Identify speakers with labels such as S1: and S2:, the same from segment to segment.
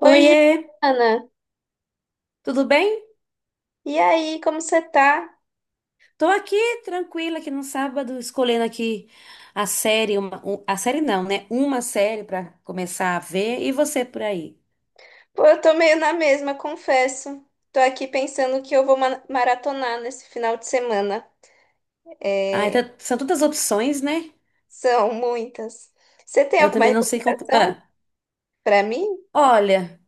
S1: Oi,
S2: Oiê,
S1: Giovana.
S2: tudo bem?
S1: E aí, como você tá?
S2: Tô aqui tranquila aqui no sábado, escolhendo aqui a série, a série não, né? Uma série pra começar a ver e você por aí.
S1: Pô, eu tô meio na mesma, confesso. Tô aqui pensando que eu vou maratonar nesse final de semana.
S2: Ah, então, são tantas opções, né?
S1: São muitas. Você tem
S2: Eu
S1: alguma
S2: também não sei qual.
S1: recomendação
S2: Ah,
S1: pra mim?
S2: olha,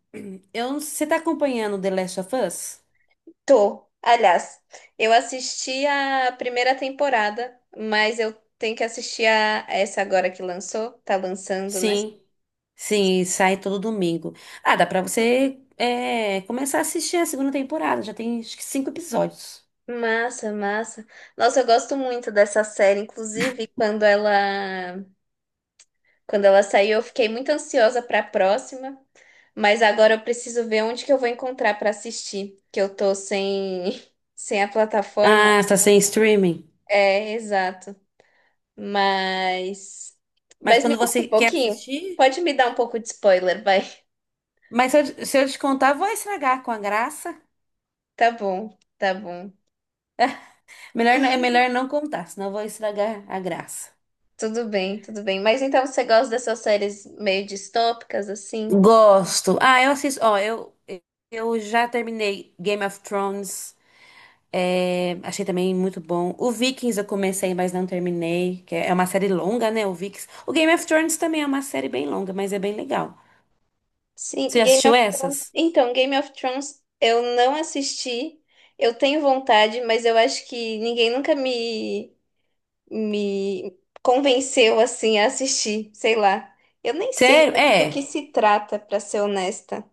S2: eu não- você tá acompanhando The Last of Us?
S1: Tô. Aliás, eu assisti a primeira temporada, mas eu tenho que assistir a essa agora que lançou. Tá lançando, né?
S2: Sim, sim, sai todo domingo. Ah, dá pra você começar a assistir a segunda temporada, já tem acho que cinco episódios.
S1: Massa, massa. Nossa, eu gosto muito dessa série, inclusive Quando ela saiu, eu fiquei muito ansiosa para a próxima, mas agora eu preciso ver onde que eu vou encontrar para assistir, que eu tô sem sem a plataforma.
S2: Ah, está sem streaming.
S1: É, exato. Mas
S2: Mas
S1: mas me
S2: quando
S1: conta um
S2: você quer
S1: pouquinho.
S2: assistir.
S1: Pode me dar um pouco de spoiler, vai.
S2: Mas se eu te contar, vou estragar com a graça.
S1: Tá bom, tá bom.
S2: Melhor, é melhor não contar, senão eu vou estragar a graça.
S1: Tudo bem, tudo bem. Mas então você gosta dessas séries meio distópicas assim?
S2: Gosto. Ah, eu assisto. Ó, eu já terminei Game of Thrones. É, achei também muito bom. O Vikings eu comecei, mas não terminei. Que é uma série longa, né? O Vikings. O Game of Thrones também é uma série bem longa, mas é bem legal. Você
S1: Sim,
S2: já
S1: Game
S2: assistiu
S1: of Thrones.
S2: essas?
S1: Então, Game of Thrones eu não assisti. Eu tenho vontade, mas eu acho que ninguém nunca me convenceu assim a assistir, sei lá. Eu nem sei
S2: Sério?
S1: muito do que
S2: É.
S1: se trata, pra ser honesta.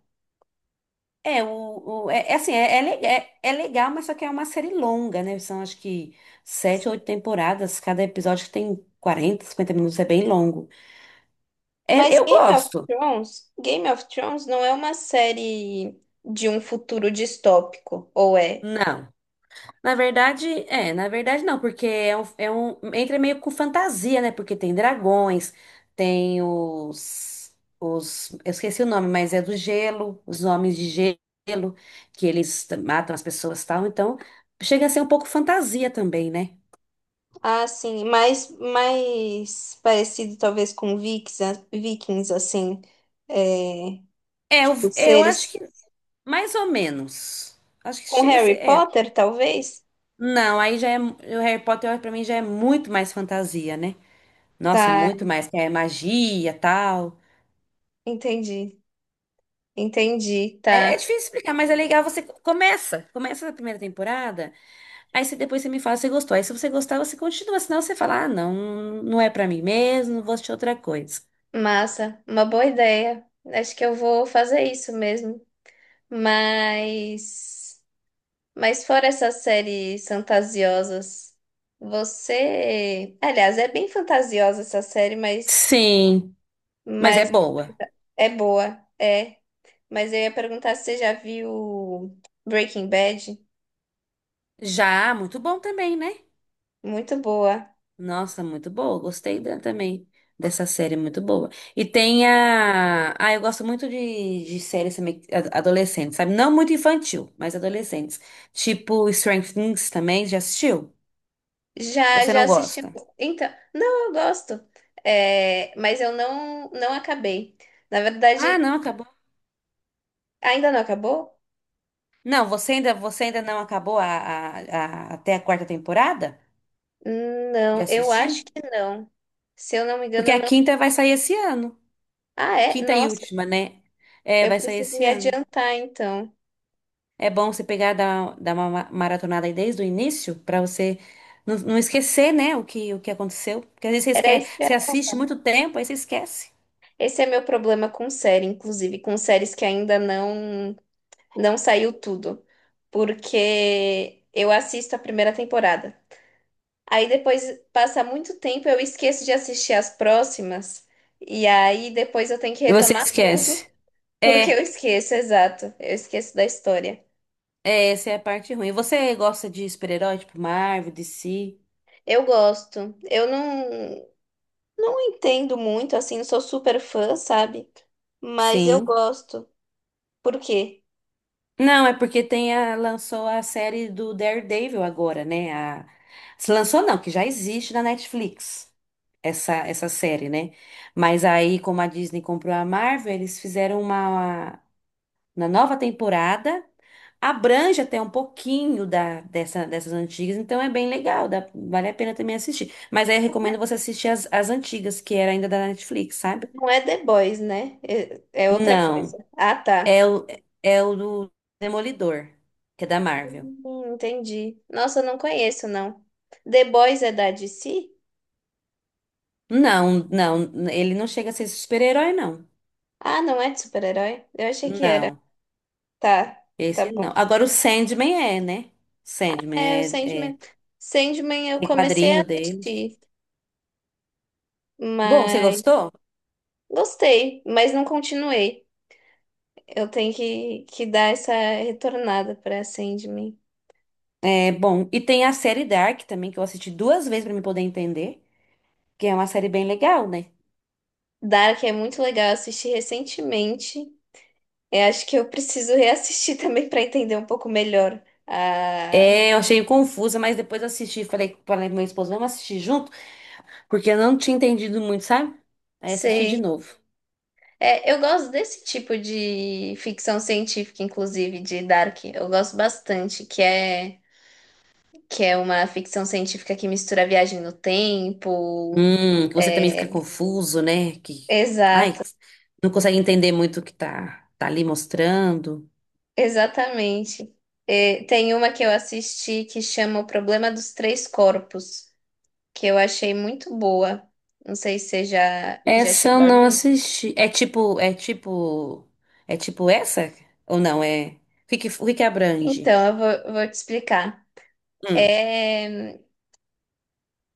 S2: É, o- é, é assim, é, é, le- é- é legal, mas só que é uma série longa, né? São acho que sete ou oito temporadas, cada episódio tem 40 50 minutos, é bem longo. É,
S1: Mas
S2: eu gosto.
S1: Game of Thrones não é uma série de um futuro distópico, ou é?
S2: Não. Na verdade, na verdade não, porque é um, entra meio com fantasia, né? Porque tem dragões, tem os, eu esqueci o nome, mas é do gelo, os homens de gelo, que eles matam as pessoas e tal, então chega a ser um pouco fantasia também, né?
S1: Ah, sim, mais parecido talvez com Vikings assim.
S2: É,
S1: Os
S2: eu acho que
S1: seres
S2: Mais ou menos. Acho que
S1: com
S2: chega a ser.
S1: Harry
S2: É.
S1: Potter, talvez?
S2: Não, aí já é. O Harry Potter, pra mim, já é muito mais fantasia, né? Nossa,
S1: Tá,
S2: muito mais. Que É magia, tal.
S1: entendi. Entendi,
S2: É, é
S1: tá.
S2: difícil explicar, mas é legal. Você começa. Começa a primeira temporada. Depois você me fala se você gostou. Aí se você gostar, você continua. Senão você fala, ah, não, não é pra mim mesmo, vou assistir outra coisa.
S1: Massa, uma boa ideia. Acho que eu vou fazer isso mesmo. Mas, mas fora essas séries fantasiosas, você, aliás, é bem fantasiosa essa série, mas
S2: Sim, mas é
S1: mas
S2: boa.
S1: é boa, é. Mas eu ia perguntar se você já viu Breaking Bad.
S2: Já, muito bom também, né?
S1: Muito boa.
S2: Nossa, muito boa. Também dessa série, muito boa. E tem a. Ah, eu gosto muito de séries também adolescentes, sabe? Não muito infantil, mas adolescentes. Tipo Stranger Things também, já assistiu?
S1: Já,
S2: Você
S1: já
S2: não
S1: assisti.
S2: gosta?
S1: Então, não, eu gosto. É, mas eu não acabei. Na
S2: Ah,
S1: verdade,
S2: não, acabou.
S1: ainda não acabou?
S2: Não, você ainda não acabou até a quarta temporada de
S1: Não, eu acho
S2: assistir?
S1: que não. Se eu não me
S2: Porque
S1: engano,
S2: a
S1: não.
S2: quinta vai sair esse ano.
S1: Ah, é?
S2: Quinta e
S1: Nossa,
S2: última, né? É,
S1: eu
S2: vai sair
S1: preciso
S2: esse
S1: me
S2: ano.
S1: adiantar, então.
S2: É bom você dar uma maratonada aí desde o início pra você não esquecer, né, o que aconteceu. Porque às vezes você
S1: Era
S2: esquece,
S1: isso que
S2: você assiste muito tempo, aí você esquece.
S1: esse é meu problema com série, inclusive, com séries que ainda não saiu tudo. Porque eu assisto a primeira temporada. Aí depois passa muito tempo, eu esqueço de assistir as próximas, e aí depois eu tenho que
S2: E você
S1: retomar tudo,
S2: esquece.
S1: porque eu
S2: É,
S1: esqueço, exato. Eu esqueço da história.
S2: é, essa é a parte ruim. Você gosta de super-herói, tipo Marvel, DC?
S1: Eu gosto. Eu não entendo muito, assim, não sou super fã, sabe? Mas eu
S2: Sim.
S1: gosto. Por quê?
S2: Não, é porque tem a, lançou a série do Daredevil agora, né? A, se lançou não, que já existe na Netflix, essa série, né? Mas aí, como a Disney comprou a Marvel, eles fizeram uma na nova temporada. Abrange até um pouquinho dessas antigas, então é bem legal, vale a pena também assistir. Mas aí eu recomendo você assistir as antigas, que era ainda da Netflix, sabe?
S1: Não é The Boys, né? É, é outra coisa.
S2: Não,
S1: Ah, tá.
S2: é o, é o do Demolidor, que é da Marvel.
S1: Entendi. Nossa, eu não conheço, não. The Boys é da DC?
S2: Não, não, ele não chega a ser super-herói, não.
S1: Ah, não é de super-herói? Eu achei que era.
S2: Não,
S1: Tá, tá
S2: esse
S1: bom.
S2: não. Agora o Sandman é, né?
S1: É, o
S2: Sandman é, é,
S1: Sandman. Sandman eu
S2: tem
S1: comecei a
S2: quadrinho deles.
S1: assistir,
S2: Bom, você
S1: mas
S2: gostou?
S1: gostei, mas não continuei. Eu tenho que dar essa retornada pra Sandman.
S2: É bom. E tem a série Dark também, que eu assisti duas vezes pra me poder entender, que é uma série bem legal, né?
S1: Dark é muito legal, eu assisti recentemente. Eu acho que eu preciso reassistir também pra entender um pouco melhor. Ah,
S2: É, eu achei confusa, mas depois eu assisti, falei pro meu esposo, vamos assistir junto, porque eu não tinha entendido muito, sabe? Aí assisti de
S1: sei.
S2: novo.
S1: É, eu gosto desse tipo de ficção científica, inclusive, de Dark. Eu gosto bastante, que é uma ficção científica que mistura a viagem no tempo.
S2: Que você também fica
S1: é,
S2: confuso, né? Que, ai,
S1: Exato,
S2: não consegue entender muito o que tá ali mostrando.
S1: exatamente. É, tem uma que eu assisti que chama O Problema dos Três Corpos, que eu achei muito boa. Não sei se você já
S2: Essa eu
S1: chegou a
S2: não
S1: ver.
S2: assisti. É tipo essa? Ou não, é? O que que abrange?
S1: Então, eu vou te explicar.
S2: Hum.
S1: É,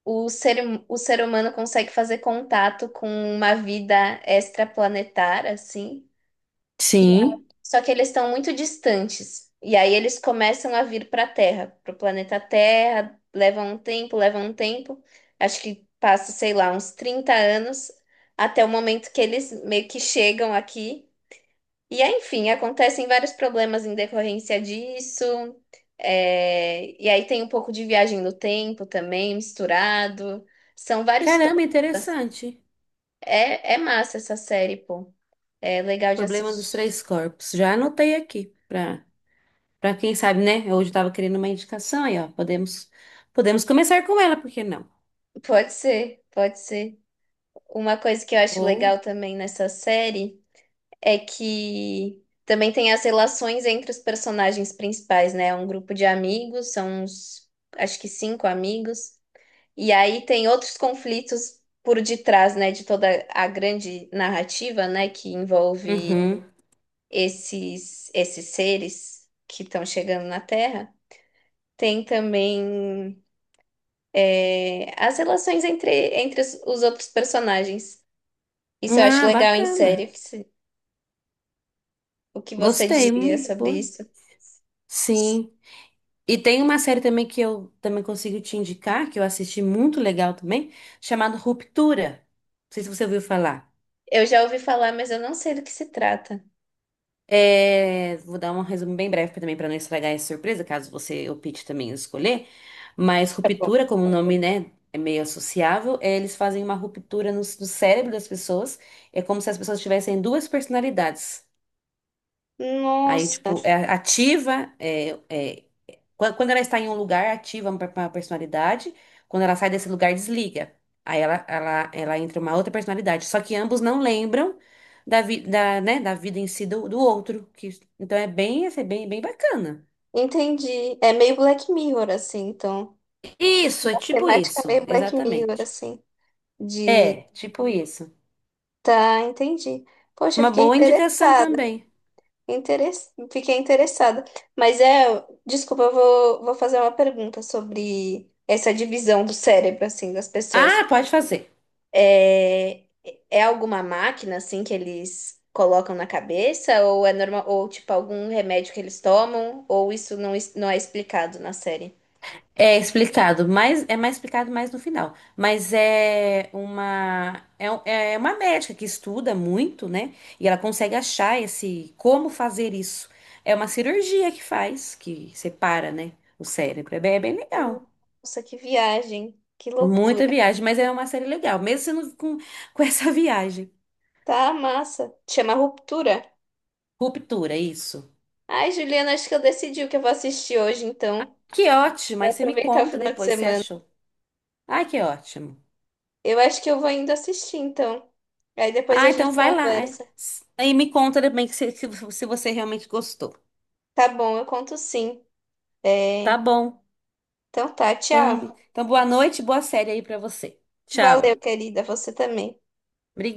S1: o ser humano consegue fazer contato com uma vida extraplanetária, assim.
S2: Sim.
S1: Só que eles estão muito distantes. E aí eles começam a vir para a Terra, para o planeta Terra. Levam um tempo, levam um tempo. Acho que passa, sei lá, uns 30 anos até o momento que eles meio que chegam aqui. E aí, enfim, acontecem vários problemas em decorrência disso. E aí tem um pouco de viagem no tempo também, misturado. São vários
S2: Caramba,
S1: tópicos.
S2: interessante.
S1: É, é massa essa série, pô. É legal de
S2: Problema dos
S1: assistir.
S2: três corpos. Já anotei aqui para quem sabe, né? Hoje eu estava querendo uma indicação aí, ó. Podemos começar com ela, por que não?
S1: Pode ser, pode ser. Uma coisa que eu acho legal
S2: Boa.
S1: também nessa série é que também tem as relações entre os personagens principais, né? É um grupo de amigos, são uns, acho que cinco amigos, e aí tem outros conflitos por detrás, né, de toda a grande narrativa, né, que envolve
S2: Uhum.
S1: esses seres que estão chegando na Terra. Tem também as relações entre os outros personagens. Isso eu acho
S2: Ah,
S1: legal em
S2: bacana.
S1: série. O que você
S2: Gostei.
S1: diria sobre
S2: Boa.
S1: isso?
S2: Sim. E tem uma série também que eu também consigo te indicar, que eu assisti muito legal também, chamada Ruptura. Não sei se você ouviu falar.
S1: Eu já ouvi falar, mas eu não sei do que se trata.
S2: É, vou dar um resumo bem breve também para não estragar essa surpresa, caso você opte também em escolher. Mas
S1: Tá bom.
S2: ruptura, como o nome, né, é meio associável, é, eles fazem uma ruptura no cérebro das pessoas. É como se as pessoas tivessem duas personalidades. Aí,
S1: Nossa,
S2: tipo, é ativa, é, é Quan- Quando ela está em um lugar, ativa uma personalidade. Quando ela sai desse lugar, desliga. Aí ela entra uma outra personalidade. Só que ambos não lembram da, vi, da, né, da vida em si do outro. Que, bem bacana.
S1: entendi. É meio Black Mirror, assim, então.
S2: Isso, é
S1: A
S2: tipo
S1: temática é
S2: isso,
S1: meio Black Mirror,
S2: exatamente.
S1: assim. De.
S2: É, tipo isso.
S1: Tá, entendi. Poxa, eu
S2: Uma
S1: fiquei
S2: boa indicação
S1: interessada.
S2: também.
S1: Interes... Fiquei interessada. Mas é. Desculpa, eu vou fazer uma pergunta sobre essa divisão do cérebro, assim, das pessoas.
S2: Ah, pode fazer.
S1: É, é alguma máquina assim que eles colocam na cabeça ou é normal ou tipo algum remédio que eles tomam ou isso não é explicado na série?
S2: É explicado, mas é mais explicado mais no final. Mas é uma médica que estuda muito, né? E ela consegue achar esse como fazer isso. É uma cirurgia que faz, que separa, né, o cérebro. É bem legal.
S1: Nossa, que viagem, que
S2: Muita
S1: loucura.
S2: viagem, mas é uma série legal, mesmo sendo com essa viagem.
S1: Tá massa. Chama Ruptura.
S2: Ruptura, isso.
S1: Ai, Juliana, acho que eu decidi o que eu vou assistir hoje então,
S2: Que ótimo,
S1: pra
S2: aí você me
S1: aproveitar o
S2: conta
S1: final de
S2: depois se
S1: semana.
S2: achou. Ai, que ótimo.
S1: Eu acho que eu vou indo assistir então. Aí depois
S2: Ah,
S1: a gente
S2: então vai lá.
S1: conversa.
S2: Aí me conta também que se você realmente gostou.
S1: Tá bom, eu conto sim.
S2: Tá
S1: É,
S2: bom.
S1: então tá,
S2: Então,
S1: tchau.
S2: então boa noite, boa série aí pra você. Tchau.
S1: Valeu, querida, você também.
S2: Obrigada.